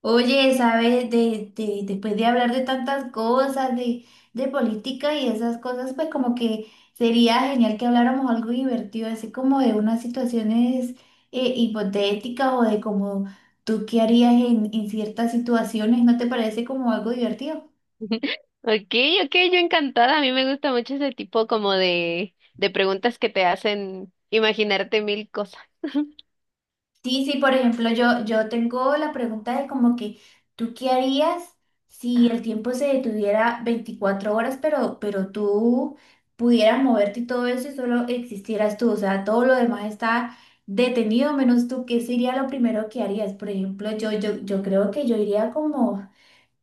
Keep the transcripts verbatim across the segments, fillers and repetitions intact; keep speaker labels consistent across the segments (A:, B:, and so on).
A: Oye, ¿sabes? De, de- después de hablar de tantas cosas, de, de política y esas cosas, pues como que sería genial que habláramos algo divertido, así como de unas situaciones eh, hipotéticas o de como tú qué harías en, en ciertas situaciones, ¿no te parece como algo divertido?
B: Okay, okay, yo encantada. A mí me gusta mucho ese tipo como de, de preguntas que te hacen imaginarte mil cosas.
A: Sí, sí, por ejemplo, yo, yo tengo la pregunta de como que, ¿tú qué harías si el tiempo se detuviera veinticuatro horas, pero, pero tú pudieras moverte y todo eso y solo existieras tú? O sea, todo lo demás está detenido menos tú. ¿Qué sería lo primero que harías? Por ejemplo, yo, yo, yo creo que yo iría como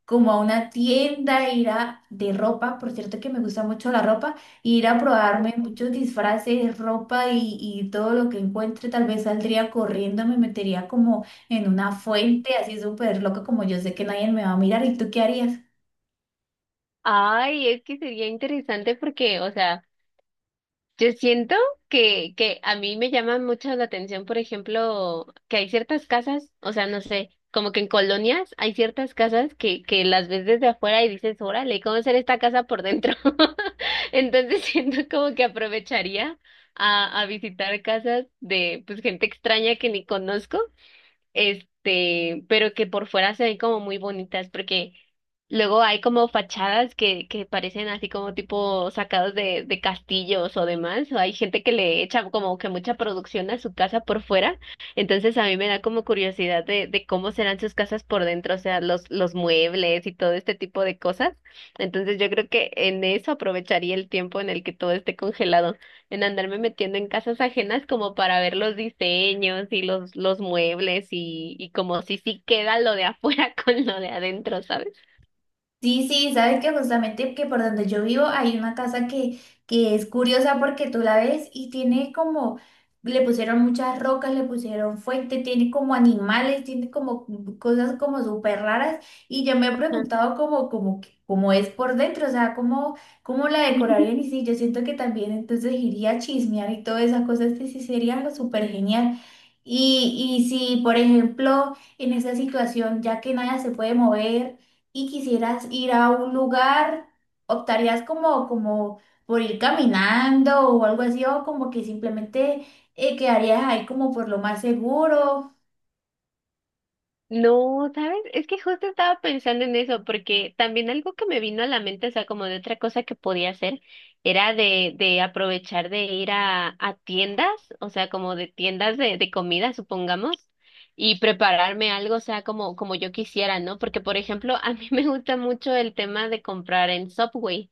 A: como a una tienda, ir a de ropa, por cierto que me gusta mucho la ropa, ir a probarme muchos disfraces, ropa y, y todo lo que encuentre, tal vez saldría corriendo, me metería como en una fuente así súper loca como yo sé que nadie me va a mirar, ¿y tú qué harías?
B: Ay, es que sería interesante porque, o sea, yo siento que, que a mí me llama mucho la atención, por ejemplo, que hay ciertas casas, o sea, no sé, como que en colonias hay ciertas casas que, que las ves desde afuera y dices, órale, ¿cómo será esta casa por dentro? Entonces siento como que aprovecharía a, a visitar casas de pues gente extraña que ni conozco este, pero que por fuera se ven como muy bonitas, porque luego hay como fachadas que, que parecen así como tipo sacados de, de castillos o demás, o hay gente que le echa como que mucha producción a su casa por fuera, entonces a mí me da como curiosidad de, de cómo serán sus casas por dentro, o sea, los, los muebles y todo este tipo de cosas, entonces yo creo que en eso aprovecharía el tiempo en el que todo esté congelado en andarme metiendo en casas ajenas como para ver los diseños y los, los muebles y, y como si sí queda lo de afuera con lo de adentro, ¿sabes?
A: Sí, sí, sabes que justamente que por donde yo vivo hay una casa que, que es curiosa porque tú la ves y tiene como, le pusieron muchas rocas, le pusieron fuente, tiene como animales, tiene como cosas como súper raras y yo me he
B: Ajá.
A: preguntado como, como, que- cómo es por dentro, o sea, cómo, cómo la decorarían y sí, yo siento que también entonces iría a chismear y todas esas cosas que sí sería algo súper genial. Y, y si, por ejemplo, en esa situación, ya que nada se puede mover, y quisieras ir a un lugar, optarías como, como por ir caminando o algo así, o como que simplemente eh, quedarías ahí como por lo más seguro.
B: No, ¿sabes? Es que justo estaba pensando en eso, porque también algo que me vino a la mente, o sea, como de otra cosa que podía hacer, era de, de aprovechar de ir a, a tiendas, o sea, como de tiendas de, de comida, supongamos, y prepararme algo, o sea, como, como yo quisiera, ¿no? Porque, por ejemplo, a mí me gusta mucho el tema de comprar en Subway,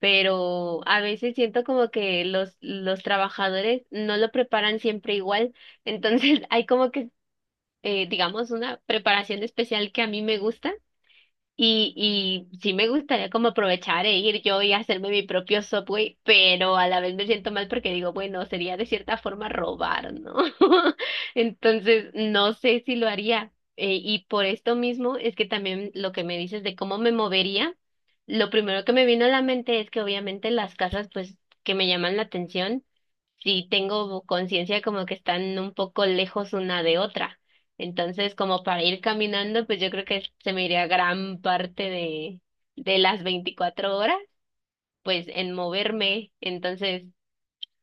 B: pero a veces siento como que los, los trabajadores no lo preparan siempre igual. Entonces hay como que eh, digamos, una preparación especial que a mí me gusta y, y sí me gustaría como aprovechar e ir yo y hacerme mi propio Subway, pero a la vez me siento mal porque digo, bueno, sería de cierta forma robar, ¿no? Entonces, no sé si lo haría. Eh, y por esto mismo es que también lo que me dices de cómo me movería, lo primero que me vino a la mente es que obviamente las casas, pues, que me llaman la atención sí tengo conciencia como que están un poco lejos una de otra. Entonces, como para ir caminando, pues yo creo que se me iría gran parte de, de las veinticuatro horas, pues en moverme. Entonces,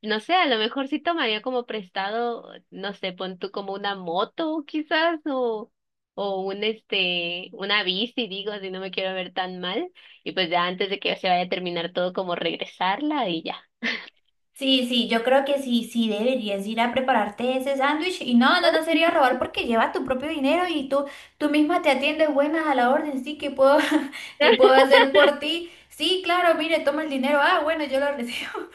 B: no sé, a lo mejor sí tomaría como prestado, no sé, pon tú como una moto quizás o, o un este, una bici, digo, si no me quiero ver tan mal. Y pues ya antes de que se vaya a terminar todo, como regresarla y ya.
A: Sí, sí, yo creo que sí, sí deberías ir a prepararte ese sándwich y no, no, no sería robar porque llevas tu propio dinero y tú, tú misma te atiendes buenas a la orden, sí, ¿qué puedo, qué puedo hacer por ti? Sí, claro, mire, toma el dinero, ah, bueno, yo lo recibo.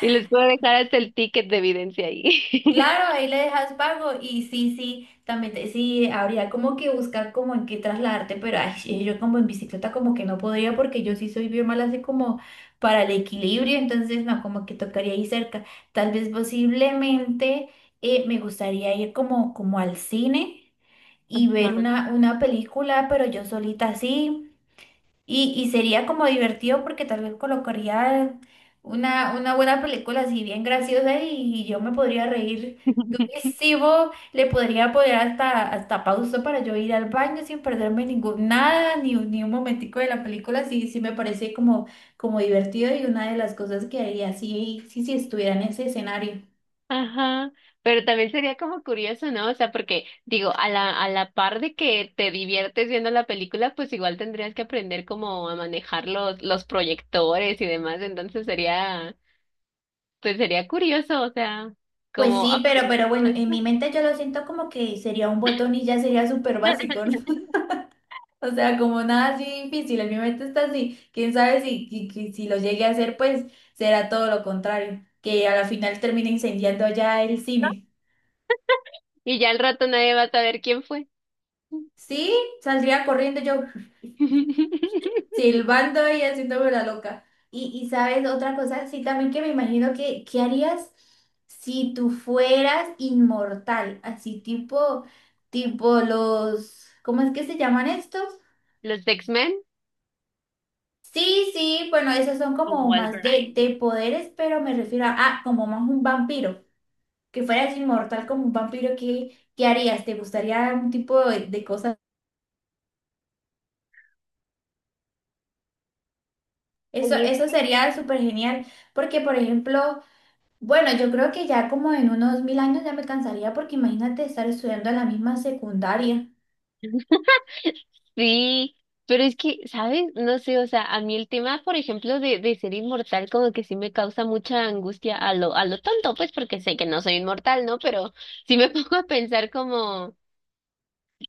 B: Y les puedo dejar hasta el ticket de evidencia ahí.
A: Claro, ahí le dejas pago y sí, sí, también te- sí, habría como que buscar como en qué trasladarte, pero ay, sí, yo como en bicicleta como que no podría porque yo sí soy bien mala así como para el equilibrio, entonces no, como que tocaría ahí cerca. Tal vez posiblemente eh, me gustaría ir como, como al cine y ver
B: Ajá.
A: una, una película, pero yo solita así. Y, y sería como divertido porque tal vez colocaría una, una buena película así bien graciosa y, yo me podría reír durísimo, le podría poner hasta, hasta pausa para yo ir al baño sin perderme ningún, nada, ni, un- ni un momentico de la película, sí, sí me parece como, como divertido y una de las cosas que haría sí, sí, sí estuviera en ese escenario.
B: Ajá. Pero también sería como curioso, ¿no? O sea, porque digo, a la, a la par de que te diviertes viendo la película, pues igual tendrías que aprender como a manejar los, los proyectores y demás. Entonces sería, pues sería curioso, o sea,
A: Pues
B: como
A: sí, pero,
B: aprender
A: pero
B: todo
A: bueno, en mi
B: esto.
A: mente yo lo siento como que sería un botón y ya sería súper básico, ¿no? O sea, como nada así difícil, en mi mente está así. Quién sabe si, que- que si lo llegue a hacer, pues será todo lo contrario, que a la final termine incendiando allá el cine.
B: Y ya al rato nadie va a saber quién fue.
A: Sí, saldría corriendo yo silbando y haciéndome la loca. Y, y sabes, otra cosa, sí, también que me imagino que, ¿qué harías si tú fueras inmortal? Así tipo, tipo los, ¿cómo es que se llaman estos?
B: Los X-Men
A: Sí, sí, bueno, esos son
B: o
A: como más de,
B: Wolverine.
A: de poderes, pero me refiero a, ah, como más un vampiro, que fueras inmortal como un vampiro, ¿qué, qué harías? ¿Te gustaría un tipo de, de cosa? Eso, eso sería súper genial, porque por ejemplo, bueno, yo creo que ya como en unos mil años ya me cansaría, porque imagínate estar estudiando en la misma secundaria.
B: Sí, pero es que, ¿sabes? No sé, o sea, a mí el tema, por ejemplo, de, de ser inmortal, como que sí me causa mucha angustia a lo, a lo tonto, pues porque sé que no soy inmortal, ¿no? Pero sí me pongo a pensar como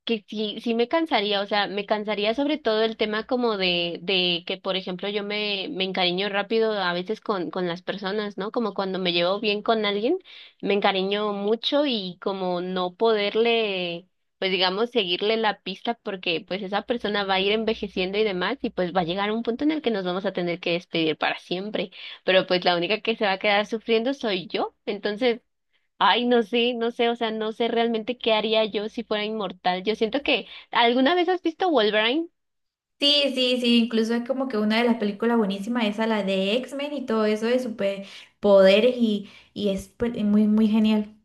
B: que sí, sí me cansaría, o sea, me cansaría sobre todo el tema como de, de que, por ejemplo, yo me, me encariño rápido a veces con, con las personas, ¿no? Como cuando me llevo bien con alguien, me encariño mucho y como no poderle, pues digamos, seguirle la pista porque pues esa persona va a ir envejeciendo y demás y pues va a llegar un punto en el que nos vamos a tener que despedir para siempre, pero pues la única que se va a quedar sufriendo soy yo, entonces... Ay, no sé, no sé, o sea, no sé realmente qué haría yo si fuera inmortal. Yo siento que, ¿alguna vez has visto Wolverine?
A: Sí, sí, sí, incluso es como que una de las películas buenísimas, esa, la de X Men y todo eso de superpoderes y, y es pues, muy, muy genial.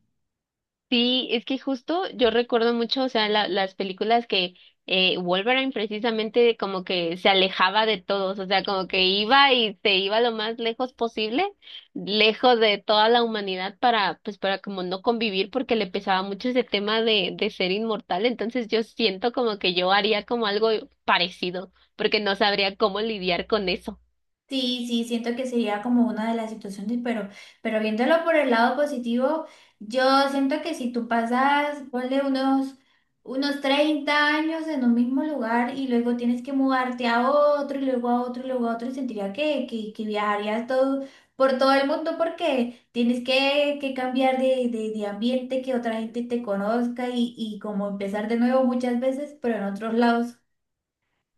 B: Sí, es que justo yo recuerdo mucho, o sea, la- las películas que eh, Wolverine precisamente como que se alejaba de todos, o sea, como que iba y se iba lo más lejos posible, lejos de toda la humanidad para, pues, para como no convivir porque le pesaba mucho ese tema de, de ser inmortal. Entonces yo siento como que yo haría como algo parecido, porque no sabría cómo lidiar con eso.
A: Sí, sí, siento que sería como una de las situaciones, pero, pero viéndolo por el lado positivo, yo siento que si tú pasas, ponle unos, unos treinta años en un mismo lugar y luego tienes que mudarte a otro y luego a otro y luego a otro, sentiría que, que, que viajarías todo, por todo el mundo porque tienes que, que cambiar de, de, de ambiente, que otra gente te conozca y, y como empezar de nuevo muchas veces, pero en otros lados.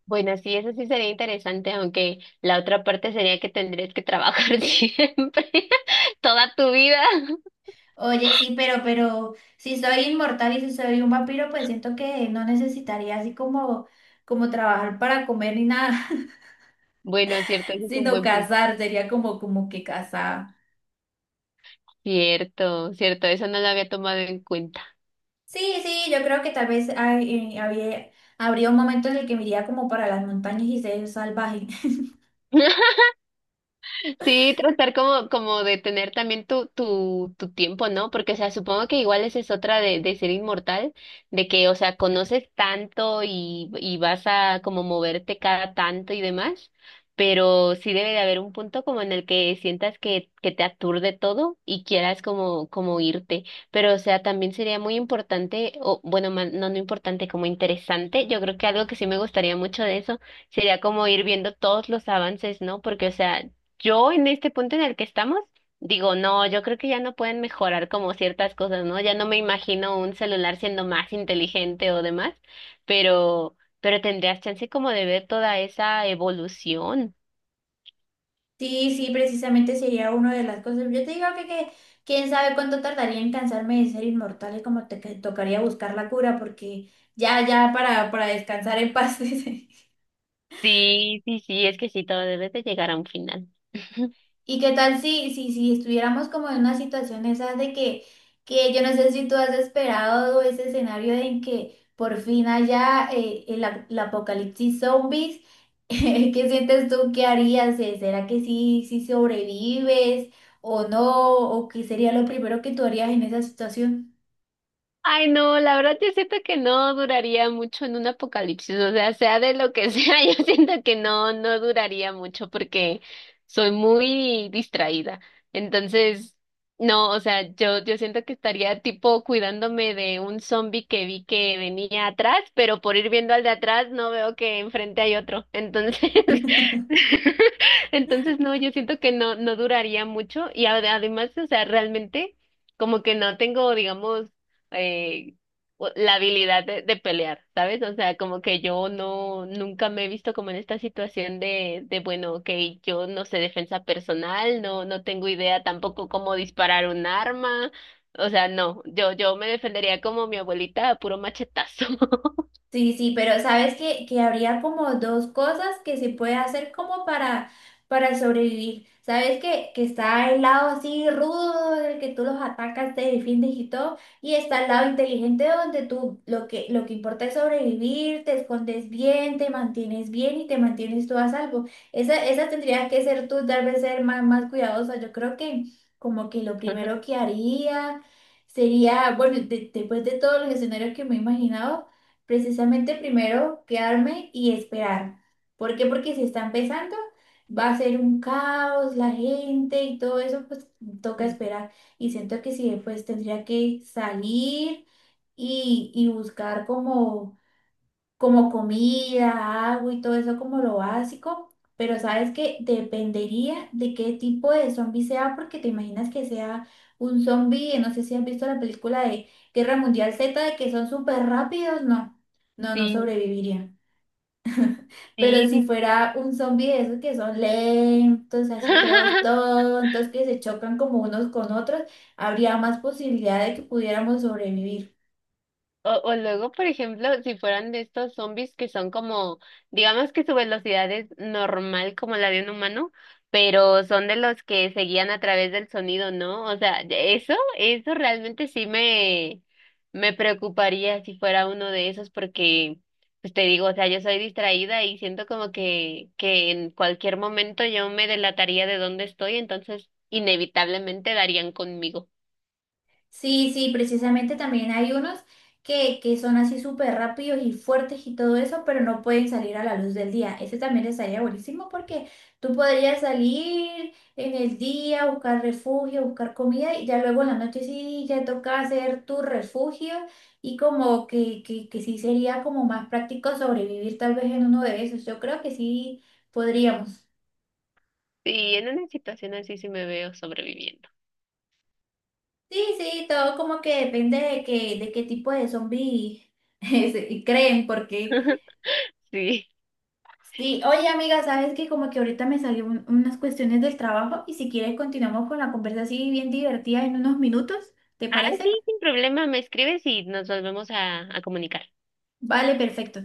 B: Bueno, sí, eso sí sería interesante, aunque la otra parte sería que tendrías que trabajar siempre, toda tu vida.
A: Oye, sí, pero, pero si soy inmortal y si soy un vampiro, pues siento que no necesitaría así como, como trabajar para comer ni nada,
B: Bueno, cierto, eso es un
A: sino
B: buen punto.
A: cazar, sería como, como que cazar.
B: Cierto, cierto, eso no lo había tomado en cuenta.
A: Sí, sí, yo creo que tal vez hay- eh, había, habría un momento en el que me iría como para las montañas y ser salvaje.
B: Sí, tratar como, como de tener también tu, tu, tu tiempo, ¿no? Porque, o sea, supongo que igual esa es otra de, de ser inmortal, de que, o sea, conoces tanto y, y vas a como moverte cada tanto y demás, pero sí debe de haber un punto como en el que sientas que, que te aturde todo y quieras como, como irte. Pero, o sea, también sería muy importante, o bueno, ma- no, no importante, como interesante. Yo creo que algo que sí me gustaría mucho de eso sería como ir viendo todos los avances, ¿no? Porque, o sea, yo en este punto en el que estamos, digo, no, yo creo que ya no pueden mejorar como ciertas cosas, ¿no? Ya no me imagino un celular siendo más inteligente o demás, pero, pero tendrías chance como de ver toda esa evolución.
A: Sí, sí, precisamente sería una de las cosas. Yo te digo que, que quién sabe cuánto tardaría en cansarme de ser inmortal y como te, que tocaría buscar la cura porque ya, ya para, para descansar en paz. dice.
B: Sí, sí, sí, es que sí, todo debe de llegar a un final.
A: ¿Y qué tal si, si, si estuviéramos como en una situación esa de que, que yo no sé si tú has esperado ese escenario en que por fin haya eh, el, ap- el apocalipsis zombies? ¿Qué sientes tú qué harías? Eh, ¿Será que sí, sí sobrevives o no? ¿O qué sería lo primero que tú harías en esa situación?
B: Ay, no, la verdad yo siento que no duraría mucho en un apocalipsis, o sea, sea de lo que sea, yo siento que no, no duraría mucho porque soy muy distraída. Entonces, no, o sea, yo, yo siento que estaría tipo cuidándome de un zombie que vi que venía atrás, pero por ir viendo al de atrás no veo que enfrente hay otro. Entonces, entonces no, yo siento que no, no duraría mucho y ade- además, o sea, realmente como que no tengo, digamos, eh, o- la habilidad de, de pelear, ¿sabes? O sea, como que yo no, nunca me he visto como en esta situación de, de bueno, ok, yo no sé defensa personal, no, no tengo idea tampoco cómo disparar un arma, o sea, no, yo, yo me defendería como mi abuelita a puro machetazo.
A: Sí, sí, pero sabes que, que habría como dos cosas que se puede hacer como para, para sobrevivir. Sabes que, que está el lado así rudo del que tú los atacas, te defiendes y todo, y está el lado inteligente donde tú lo que, lo que importa es sobrevivir, te escondes bien, te mantienes bien y te mantienes tú a salvo. Esa, esa tendría que ser tú, tal vez ser más, más cuidadosa. Yo creo que como que lo primero que haría sería, bueno, de- después de todos los escenarios que me he imaginado, precisamente primero quedarme y esperar. ¿Por qué? Porque si está empezando, va a ser un caos, la gente y todo eso, pues toca esperar. Y siento que sí, pues tendría que salir y, y buscar como como comida, agua y todo eso como lo básico, pero sabes que dependería de qué tipo de zombie sea, porque te imaginas que sea un zombie, no sé si has visto la película de Guerra Mundial zeta, de que son súper rápidos, no, no, no
B: Sí,
A: sobreviviría. Pero si
B: sí,
A: fuera un zombie de esos que son lentos, así todos
B: sí.
A: tontos, que se chocan como unos con otros, habría más posibilidad de que pudiéramos sobrevivir.
B: O, o luego, por ejemplo, si fueran de estos zombies que son como, digamos que su velocidad es normal como la de un humano, pero son de los que se guían a través del sonido, ¿no? O sea, de- eso, eso realmente sí me, me preocuparía si fuera uno de esos, porque, pues te digo, o sea, yo soy distraída y siento como que, que en cualquier momento yo me delataría de dónde estoy, entonces inevitablemente darían conmigo.
A: Sí, sí, precisamente también hay unos que, que son así súper rápidos y fuertes y todo eso, pero no pueden salir a la luz del día. Ese también estaría buenísimo porque tú podrías salir en el día, buscar refugio, buscar comida y ya luego en la noche sí ya toca hacer tu refugio y como que, que, que sí sería como más práctico sobrevivir tal vez en uno de esos. Yo creo que sí podríamos.
B: Sí, en una situación así sí me veo sobreviviendo.
A: Sí, sí, todo como que depende de, que, de qué tipo de zombie creen, porque...
B: Sí.
A: Sí, oye amiga, sabes que como que ahorita me salieron unas cuestiones del trabajo y si quieres continuamos con la conversa así bien divertida en unos minutos, ¿te
B: Ah, sí,
A: parece?
B: sin problema, me escribes y nos volvemos a, a comunicar.
A: Vale, perfecto.